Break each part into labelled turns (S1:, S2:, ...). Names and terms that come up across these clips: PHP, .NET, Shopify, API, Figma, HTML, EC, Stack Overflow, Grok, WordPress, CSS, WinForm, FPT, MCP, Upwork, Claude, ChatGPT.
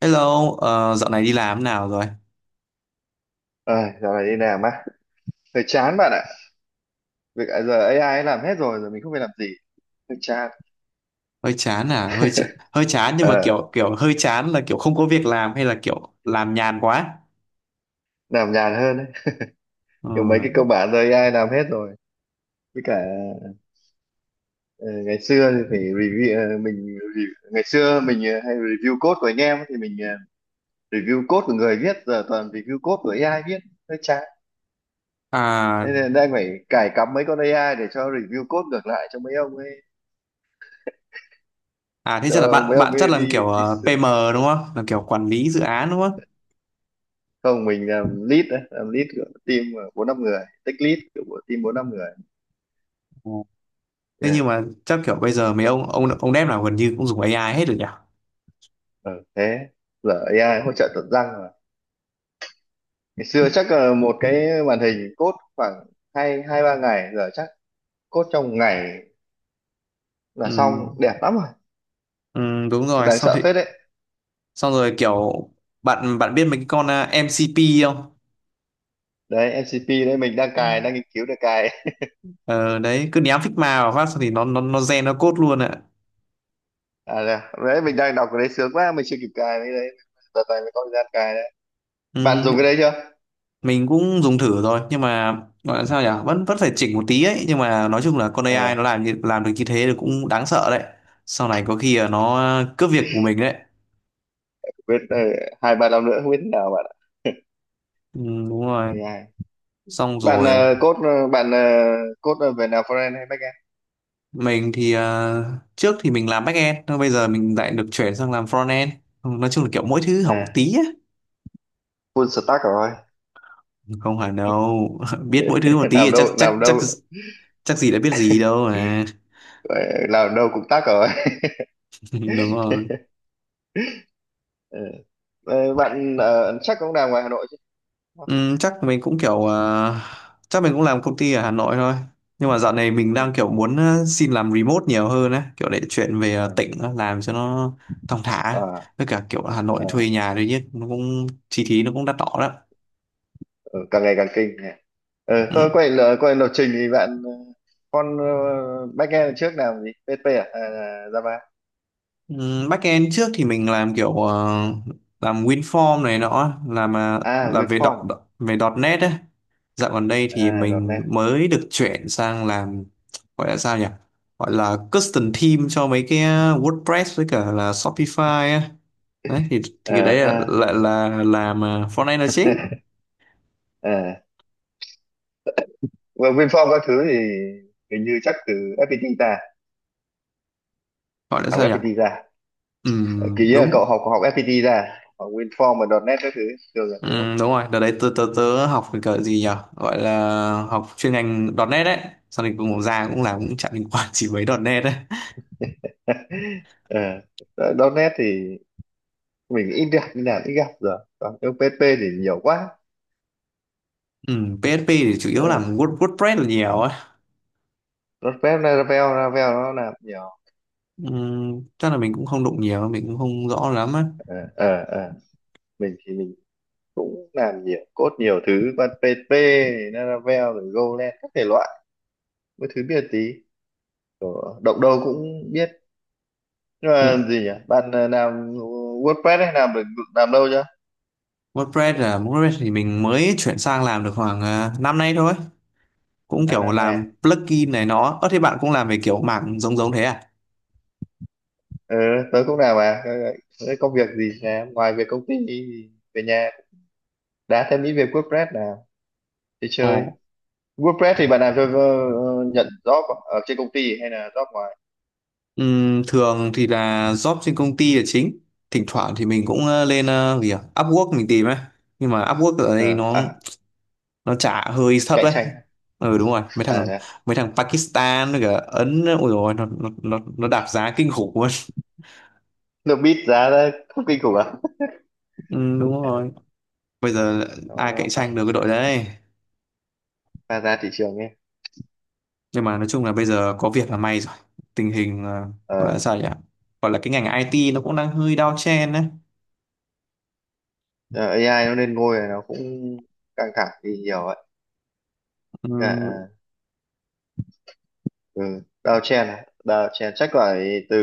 S1: Hello, dạo này đi làm thế nào rồi?
S2: ờ Dạo này đi làm á, hơi chán bạn ạ. Việc à, giờ AI ấy làm hết rồi, giờ mình không phải làm gì. Hơi chán.
S1: Hơi chán à? Hơi chán nhưng mà
S2: Ờ,
S1: kiểu kiểu hơi chán là kiểu không có việc làm hay là kiểu làm nhàn quá?
S2: làm nhàn hơn đấy.
S1: Ừ.
S2: Kiểu mấy cái cơ bản giờ AI làm hết rồi. Với cả ờ, ngày xưa thì phải review, ngày xưa mình hay review code của anh em ấy, thì mình review code của người viết, giờ toàn review code của AI viết. Hơi chán.
S1: À
S2: Nên là đang phải cài cắm mấy con AI để cho review code ngược lại cho mấy ông ấy,
S1: à, thế chắc là
S2: cho
S1: bạn
S2: mấy ông
S1: bạn chắc
S2: ấy
S1: làm
S2: đi
S1: kiểu
S2: đi.
S1: PM đúng không? Làm kiểu quản lý dự án đúng không?
S2: Không, mình làm lead đấy, làm lead của team 4-5 người, tech lead của team 4-5 người.
S1: Ừ. Thế
S2: Yeah.
S1: nhưng mà chắc kiểu bây giờ mấy ông dev nào gần như cũng dùng AI hết rồi nhỉ?
S2: Ờ, Thế giờ AI hỗ trợ tận răng rồi, ngày xưa chắc là một cái màn hình code khoảng hai hai ba ngày, giờ chắc code trong một ngày là
S1: Ừ.
S2: xong đẹp lắm rồi.
S1: Ừ, đúng
S2: Cũng
S1: rồi,
S2: đáng
S1: xong thì
S2: sợ phết đấy.
S1: xong rồi kiểu bạn bạn biết mấy cái con MCP không?
S2: Đấy, MCP đấy mình đang cài, đang nghiên cứu để cài.
S1: Ờ đấy cứ ném Figma vào phát xong thì nó gen nó code luôn ạ.
S2: À, đấy đấy, mình đang đọc cái đấy sướng quá, mình chưa kịp cài cái đấy, đợt này mới có thời gian cài đấy. Bạn
S1: Ừ,
S2: dùng cái đấy chưa?
S1: mình cũng dùng thử rồi nhưng mà gọi là sao nhỉ,
S2: À,
S1: vẫn vẫn phải chỉnh một tí ấy, nhưng mà nói chung là con AI nó
S2: à
S1: làm được như thế thì cũng đáng sợ đấy, sau này có khi là nó cướp việc của mình đấy.
S2: biết, 2-3 năm nữa không biết thế nào bạn ạ.
S1: Ừ, đúng rồi,
S2: AI.
S1: xong
S2: Bạn
S1: rồi
S2: ờ, cốt ờ, bạn ờ, cốt ờ, về nào front hay back end?
S1: mình thì trước thì mình làm backend nhưng bây giờ mình lại được chuyển sang làm frontend. Ừ, nói chung là kiểu mỗi thứ học một
S2: À,
S1: tí á.
S2: full stack rồi.
S1: Không hẳn đâu, biết mỗi thứ một tí
S2: làm
S1: thì chắc
S2: đâu
S1: chắc
S2: làm
S1: chắc
S2: đâu
S1: chắc gì đã biết gì đâu mà.
S2: ờ, làm đâu cũng tắc rồi.
S1: Đúng rồi.
S2: Ừ. Bạn chắc cũng làm ngoài Hà Nội chứ, đúng không?
S1: Ừ, chắc mình cũng kiểu chắc mình cũng làm công ty ở Hà Nội thôi, nhưng mà dạo này mình
S2: Ừ.
S1: đang kiểu muốn xin làm remote nhiều hơn ấy, kiểu để chuyển về
S2: Ờ.
S1: tỉnh á, làm cho nó thong thả.
S2: À,
S1: Với cả kiểu Hà Nội
S2: à,
S1: thuê nhà đấy chứ nó cũng chi phí nó cũng đắt đỏ lắm.
S2: ừ, càng ngày càng kinh nhỉ. Ừ, thôi
S1: Ừ.
S2: quay lại lập trình thì bạn, con, backend trước làm gì? PHP à? À, Java?
S1: Backend trước thì mình làm kiểu làm WinForm này nọ, làm
S2: À, WinForm?
S1: về .dot .net ấy. Dạo gần đây thì
S2: À,
S1: mình
S2: .NET?
S1: mới được chuyển sang làm, gọi là sao nhỉ? Gọi là custom theme cho mấy cái WordPress với cả là Shopify ấy. Đấy thì
S2: À
S1: cái đấy
S2: ha.
S1: là làm front end là chính.
S2: À. Well, WinForm các thứ thì hình như chắc từ FPT ra,
S1: Gọi là
S2: học
S1: sao nhỉ?
S2: FPT ra. Ờ, kỳ á, cậu
S1: Đúng.
S2: học học FPT ra à? Học WinForm và .NET các thứ thường là
S1: Ừ,
S2: thế đúng không?
S1: đúng rồi, đợt đấy tớ học cái cỡ gì nhỉ? Gọi là học chuyên ngành .chấm nét đấy. Xong thì cũng ra cũng làm cũng chẳng liên quan gì mấy nét đấy.
S2: .NET thì mình ít gặp rồi, còn cái PHP thì nhiều quá.
S1: Ừ, PHP thì chủ yếu
S2: Ừ.
S1: làm WordPress là nhiều ấy.
S2: .NET, Laravel Laravel nó làm nhiều.
S1: Ừ, chắc là mình cũng không đụng nhiều, mình cũng không rõ lắm ấy.
S2: Ờ, ờ, ờ. Mình thì mình cũng làm nhiều code nhiều thứ, còn PHP, Laravel rồi Golang các thể loại, mấy thứ biết tí, động đâu cũng biết. Nhưng mà
S1: Ừ,
S2: gì nhỉ, bạn làm WordPress hay, làm lâu chưa?
S1: WordPress thì mình mới chuyển sang làm được khoảng năm nay thôi. Cũng
S2: À,
S1: kiểu
S2: năm nay à?
S1: làm plugin này nó. Ơ thế bạn cũng làm về kiểu mảng giống giống thế à?
S2: ờ Tớ cũng làm. À, ờ, thế công việc gì? Làm ngoài việc công ty thì về nhà đá thêm ít về WordPress nào, đi chơi.
S1: Ồ,
S2: WordPress thì bạn làm cho, nhận job ở trên công ty hay là job ngoài?
S1: ừm, thường thì là job trên công ty là chính, thỉnh thoảng thì mình cũng lên gì à? Upwork mình tìm ấy, nhưng mà Upwork ở đây
S2: Ờ,
S1: nó
S2: à,
S1: nó trả hơi thấp
S2: cạnh
S1: ấy.
S2: tranh.
S1: Ừ đúng rồi,
S2: À đấy.
S1: mấy thằng Pakistan với cả Ấn ôi rồi nó đạp giá kinh khủng luôn.
S2: Được biết giá ra không kinh khủng à?
S1: Đúng rồi, bây giờ
S2: nó
S1: ai
S2: nó
S1: cạnh tranh
S2: phải
S1: được cái đội đấy.
S2: pha giá thị trường ấy.
S1: Nhưng mà nói chung là bây giờ có việc là may rồi. Tình hình gọi là
S2: ờ
S1: sao nhỉ, gọi là cái ngành IT nó cũng đang hơi down trend đấy.
S2: Giờ AI nó lên ngôi rồi, nó cũng căng thẳng thì nhiều ấy. Dạ,
S1: Ừm,
S2: à. Ừ. Đào chèn à? Đào chèn chắc phải từ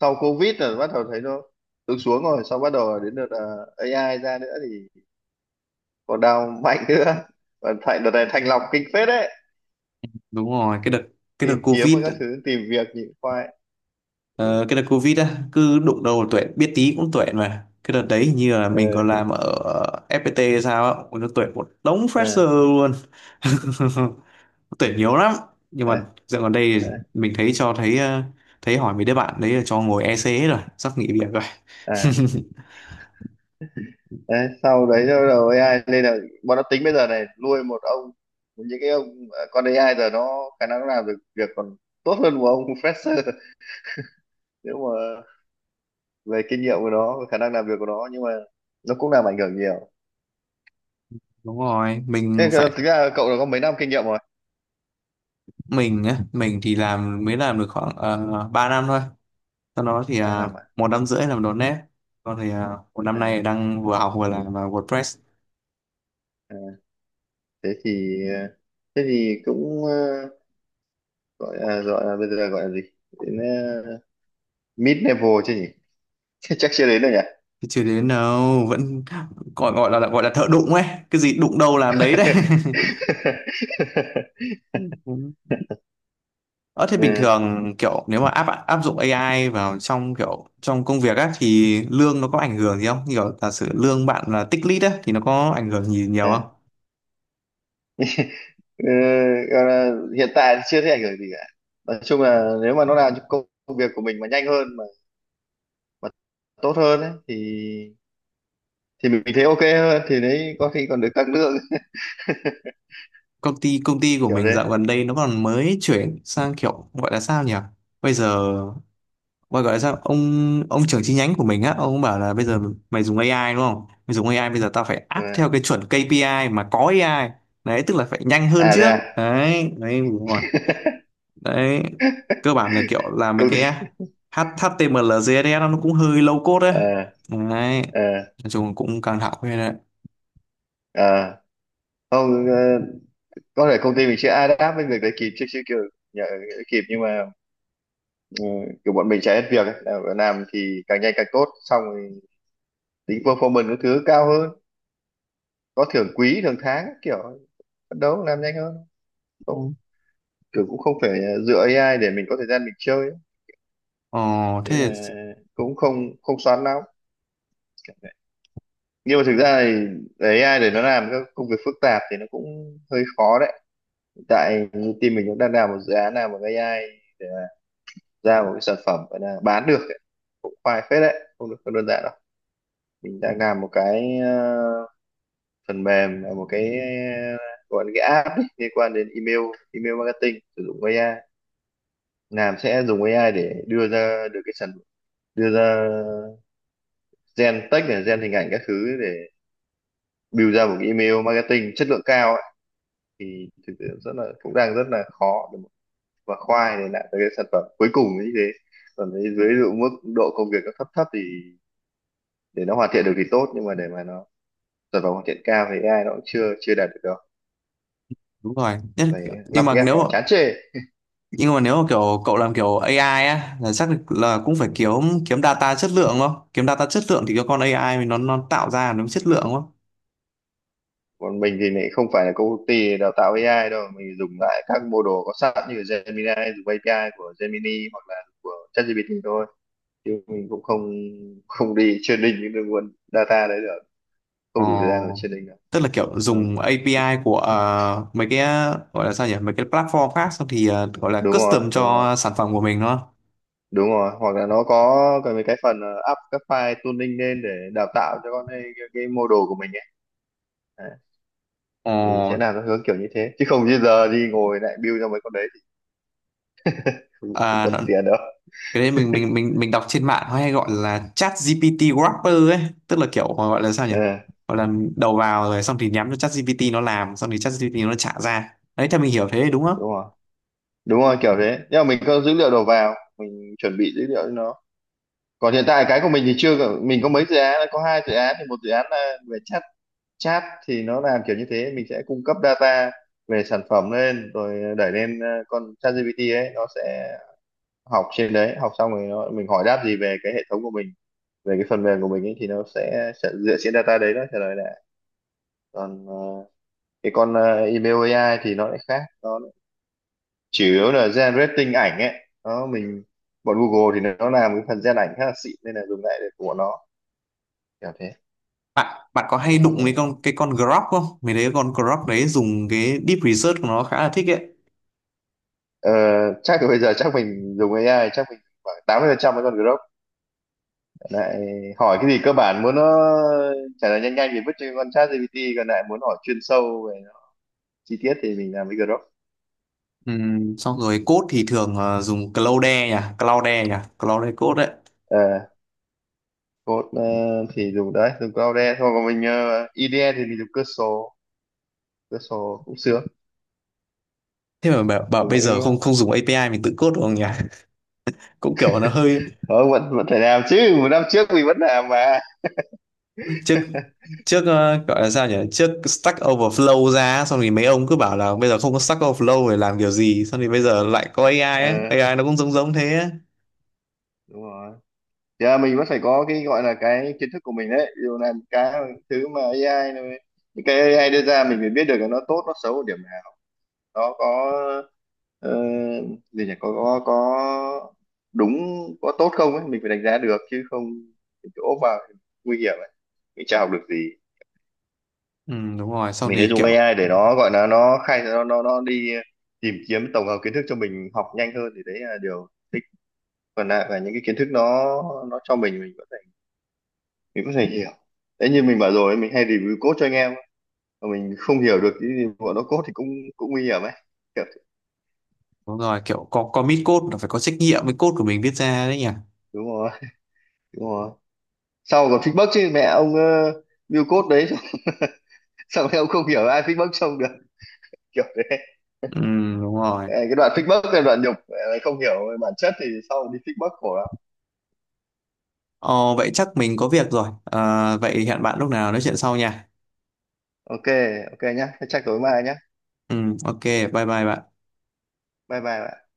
S2: sau Covid rồi, bắt đầu thấy nó xuống xuống rồi, sau bắt đầu đến đợt AI ra nữa thì còn đào mạnh nữa, còn thành đợt này thanh lọc kinh phết đấy,
S1: đúng rồi, cái đợt
S2: tìm kiếm và
S1: Covid.
S2: các thứ tìm việc nhịn khoai. Ừ.
S1: Ờ, cái đợt Covid á, cứ đụng đầu tuệ biết tí cũng tuệ mà. Cái đợt đấy hình như là
S2: ờ
S1: mình còn làm ở FPT hay sao á, nó tuệ một đống
S2: à,
S1: fresher luôn. Tuệ nhiều lắm. Nhưng mà
S2: đấy,
S1: dạo gần đây
S2: đấy,
S1: thì mình thấy thấy hỏi mấy đứa bạn đấy là cho ngồi EC hết rồi, sắp nghỉ việc rồi.
S2: à, đấy. Sau đấy nó bắt đầu AI nên là bọn nó tính bây giờ này nuôi một ông, những cái ông, à, con AI giờ nó khả năng nó làm được việc còn tốt hơn một ông fresher, nếu mà về kinh nghiệm của nó, về khả năng làm việc của nó, nhưng mà nó cũng làm ảnh hưởng nhiều.
S1: Đúng rồi, mình
S2: Thế thì
S1: phải,
S2: thực ra cậu đã có mấy năm kinh nghiệm rồi?
S1: mình thì mới làm được khoảng 3 năm thôi. Sau đó thì
S2: ba
S1: à,
S2: năm à?
S1: một năm rưỡi làm .NET. Còn thì à, một năm
S2: À,
S1: nay đang vừa học vừa làm à, WordPress.
S2: à, thế thì ờ, thế thì cũng, gọi là, bây giờ gọi là gì, đến ờ, mid level chứ nhỉ? Chắc chưa đến đâu nhỉ.
S1: Chưa đến đâu, vẫn gọi gọi là thợ đụng ấy, cái gì đụng đâu làm đấy đấy. Đúng. Ờ thế bình
S2: Ừ,
S1: thường kiểu nếu mà áp áp dụng AI vào trong kiểu trong công việc á thì lương nó có ảnh hưởng gì không? Như kiểu giả sử lương bạn là tích lũy á thì nó có ảnh hưởng gì nhiều không?
S2: ừ. Ừ, gọi là hiện tại chưa thấy ảnh hưởng gì cả, nói chung là nếu mà nó làm cho công việc của mình mà nhanh hơn, mà tốt hơn ấy, thì mình thấy ok hơn, thì đấy có khi còn được tăng lương.
S1: Công ty của
S2: Kiểu
S1: mình
S2: thế.
S1: dạo gần đây nó còn mới chuyển sang kiểu gọi là sao nhỉ? Bây giờ Gọi gọi là sao ông trưởng chi nhánh của mình á, ông cũng bảo là bây giờ mày dùng AI đúng không, mày dùng AI bây giờ tao phải áp
S2: À,
S1: theo cái chuẩn KPI mà có AI đấy, tức là phải nhanh hơn
S2: à thế
S1: trước.
S2: à,
S1: Đấy đấy đúng rồi. Đấy cơ bản là kiểu là mấy
S2: công
S1: cái
S2: ty,
S1: HTML CSS nó cũng hơi low code đấy
S2: ờ
S1: đấy,
S2: ờ
S1: nói chung cũng căng thẳng phết đấy.
S2: ờ không. Ờ, có thể công ty mình sẽ adapt với việc đấy kịp, chứ chứ kiểu, nhờ, kịp nhưng mà, ừ, kiểu bọn mình chạy hết việc ấy. Làm thì càng nhanh càng tốt, xong rồi tính performance các thứ cao hơn, có thưởng quý thưởng tháng kiểu phấn đấu làm nhanh hơn. Không,
S1: Ừ.
S2: kiểu cũng không phải dựa AI để mình có thời gian mình chơi ấy.
S1: Ờ
S2: Nên
S1: thế
S2: là
S1: thì-
S2: cũng không không xoắn lắm. Nhưng mà thực ra thì để AI, để nó làm các công việc phức tạp thì nó cũng hơi khó đấy. Hiện tại như team mình cũng đang làm một dự án nào bằng AI ra một cái sản phẩm gọi là bán được ấy. Cũng khoai phết đấy, không đơn giản đâu. Mình đang làm một cái, phần mềm, là một cái, gọi là cái app ấy, liên quan đến email email marketing sử dụng AI, làm sẽ dùng AI để đưa ra được cái sản, đưa ra gen text này, gen hình ảnh các thứ để build ra một cái email marketing chất lượng cao. Thì thực sự rất là cũng đang rất là khó để mà- và khoai để lại cái sản phẩm cuối cùng như thế. Còn với dưới dụ mức độ công việc nó thấp thấp thì để nó hoàn thiện được thì tốt, nhưng mà để mà nó sản phẩm hoàn thiện cao thì AI nó cũng chưa chưa đạt được đâu.
S1: đúng rồi. Nhất-
S2: Phải
S1: nhưng
S2: lắp
S1: mà
S2: ghép
S1: nếu mà,
S2: vào chán chê.
S1: nhưng mà nếu mà kiểu cậu làm kiểu AI á là chắc là cũng phải kiếm kiếm data chất lượng đúng không, kiếm data chất lượng thì cái con AI mình nó tạo ra nó mới chất lượng đúng không.
S2: Còn mình thì lại không phải là công ty đào tạo AI đâu, mình dùng lại các mô đồ có sẵn như Gemini, dùng API của Gemini hoặc là của ChatGPT thôi, chứ mình cũng không không đi training những cái nguồn data đấy được,
S1: Ờ,
S2: không đủ thời gian để training được.
S1: tức là kiểu
S2: Ờ.
S1: dùng API của mấy cái gọi là sao nhỉ, mấy cái platform khác xong thì gọi là
S2: Đúng
S1: custom
S2: rồi, đúng rồi,
S1: cho sản phẩm của mình đúng không.
S2: đúng rồi. Hoặc là nó có cái mấy cái phần, up các file tuning lên để đào tạo cho con ấy, cái model của mình ấy. Đấy,
S1: Ờ,
S2: thì sẽ làm nó hướng kiểu như thế, chứ không như giờ đi ngồi lại build cho mấy con đấy thì, không, không có
S1: à,
S2: tiền đâu.
S1: cái đấy mình đọc trên mạng nó hay gọi là chat GPT wrapper ấy, tức là kiểu gọi là sao nhỉ,
S2: Ừ,
S1: gọi là đầu vào rồi xong thì nhắm cho chat GPT nó làm, xong thì chat GPT nó trả ra đấy, theo mình hiểu thế đúng không.
S2: đúng rồi, đúng rồi kiểu thế, nhưng mà mình có dữ liệu đầu vào, mình chuẩn bị dữ liệu cho nó. Còn hiện tại cái của mình thì chưa có- mình có mấy dự án, có 2 dự án thì một dự án là về chat, chat thì nó làm kiểu như thế, mình sẽ cung cấp data về sản phẩm lên rồi đẩy lên, con ChatGPT ấy, nó sẽ học trên đấy, học xong rồi nó, mình hỏi đáp gì về cái hệ thống của mình, về cái phần mềm của mình ấy thì nó sẽ dựa trên data đấy nó trả lời lại. Còn cái con email AI thì nó lại khác, nó chủ yếu là generating ảnh ấy, nó mình, bọn Google thì nó làm cái phần gen ảnh khá là xịn nên là dùng lại được của nó, kiểu thế.
S1: Bạn bạn có hay
S2: Không
S1: đụng
S2: phải,
S1: với con Grok không? Mình thấy con Grok đấy dùng cái deep research của nó khá là thích ấy.
S2: ờ, chắc là bây giờ chắc mình dùng AI chắc mình khoảng 80% với con Grok, lại hỏi cái gì cơ bản muốn nó trả lời nhanh nhanh thì vứt cho con ChatGPT, còn lại muốn hỏi chuyên sâu về chi tiết thì mình làm với Grok.
S1: Xong rồi code thì thường dùng Claude nhỉ, Claude code đấy.
S2: À, code, thì dùng Claude thôi, còn mình, IDE thì mình dùng Cursor. Cursor cũng sướng.
S1: Thế mà bảo
S2: Dùng
S1: bây
S2: mấy,
S1: giờ không không dùng API mình tự code được không nhỉ? Cũng kiểu nó hơi
S2: ờ, vẫn vẫn phải làm chứ, một năm trước mình vẫn làm mà.
S1: trước trước gọi là sao nhỉ, trước Stack Overflow ra xong thì mấy ông cứ bảo là bây giờ không có Stack Overflow để làm kiểu gì, xong thì bây giờ lại có AI
S2: Ờ,
S1: ấy. AI nó cũng giống giống thế ấy.
S2: đúng rồi, giờ mình vẫn phải có cái gọi là cái kiến thức của mình đấy. Dù dụ làm cái thứ mà AI này, những cái AI đưa ra mình phải biết được là nó tốt nó xấu ở điểm nào, nó có ờ, gì nhỉ, có đúng có tốt không ấy, mình phải đánh giá được, chứ không mình cứ ốp vào thì nguy hiểm ấy, mình chả học được gì.
S1: Ừ, đúng rồi, xong
S2: Mình sẽ
S1: thì
S2: dùng
S1: kiểu
S2: AI để nó gọi là nó khai, nó đi tìm kiếm tổng hợp kiến thức cho mình học nhanh hơn, thì đấy là điều thích. Còn lại là những cái kiến thức nó cho mình có thể, hiểu. Đấy như mình bảo rồi, mình hay review code cho anh em mà mình không hiểu được cái gì bọn nó code thì cũng cũng nguy hiểm ấy. Kiểu- thế.
S1: đúng rồi, kiểu có commit code là phải có trách nhiệm với code của mình viết ra đấy nhỉ.
S2: Đúng rồi, đúng rồi, sau còn feedback chứ, mẹ ông, build code đấy, sao em cũng không hiểu ai fake bốc trông được. Kiểu thế.
S1: Ừ, đúng rồi.
S2: Ờ, cái đoạn fake bốc là đoạn nhục. Ờ, không hiểu bản chất thì sau đi fake bốc khổ lắm.
S1: Ờ, vậy chắc mình có việc rồi. Ờ, vậy hẹn bạn lúc nào nói chuyện sau nha.
S2: Ok, ok nhá. Thế chắc tối mai nhá.
S1: Ừ, ok, bye bye bạn.
S2: Bye bye bạn.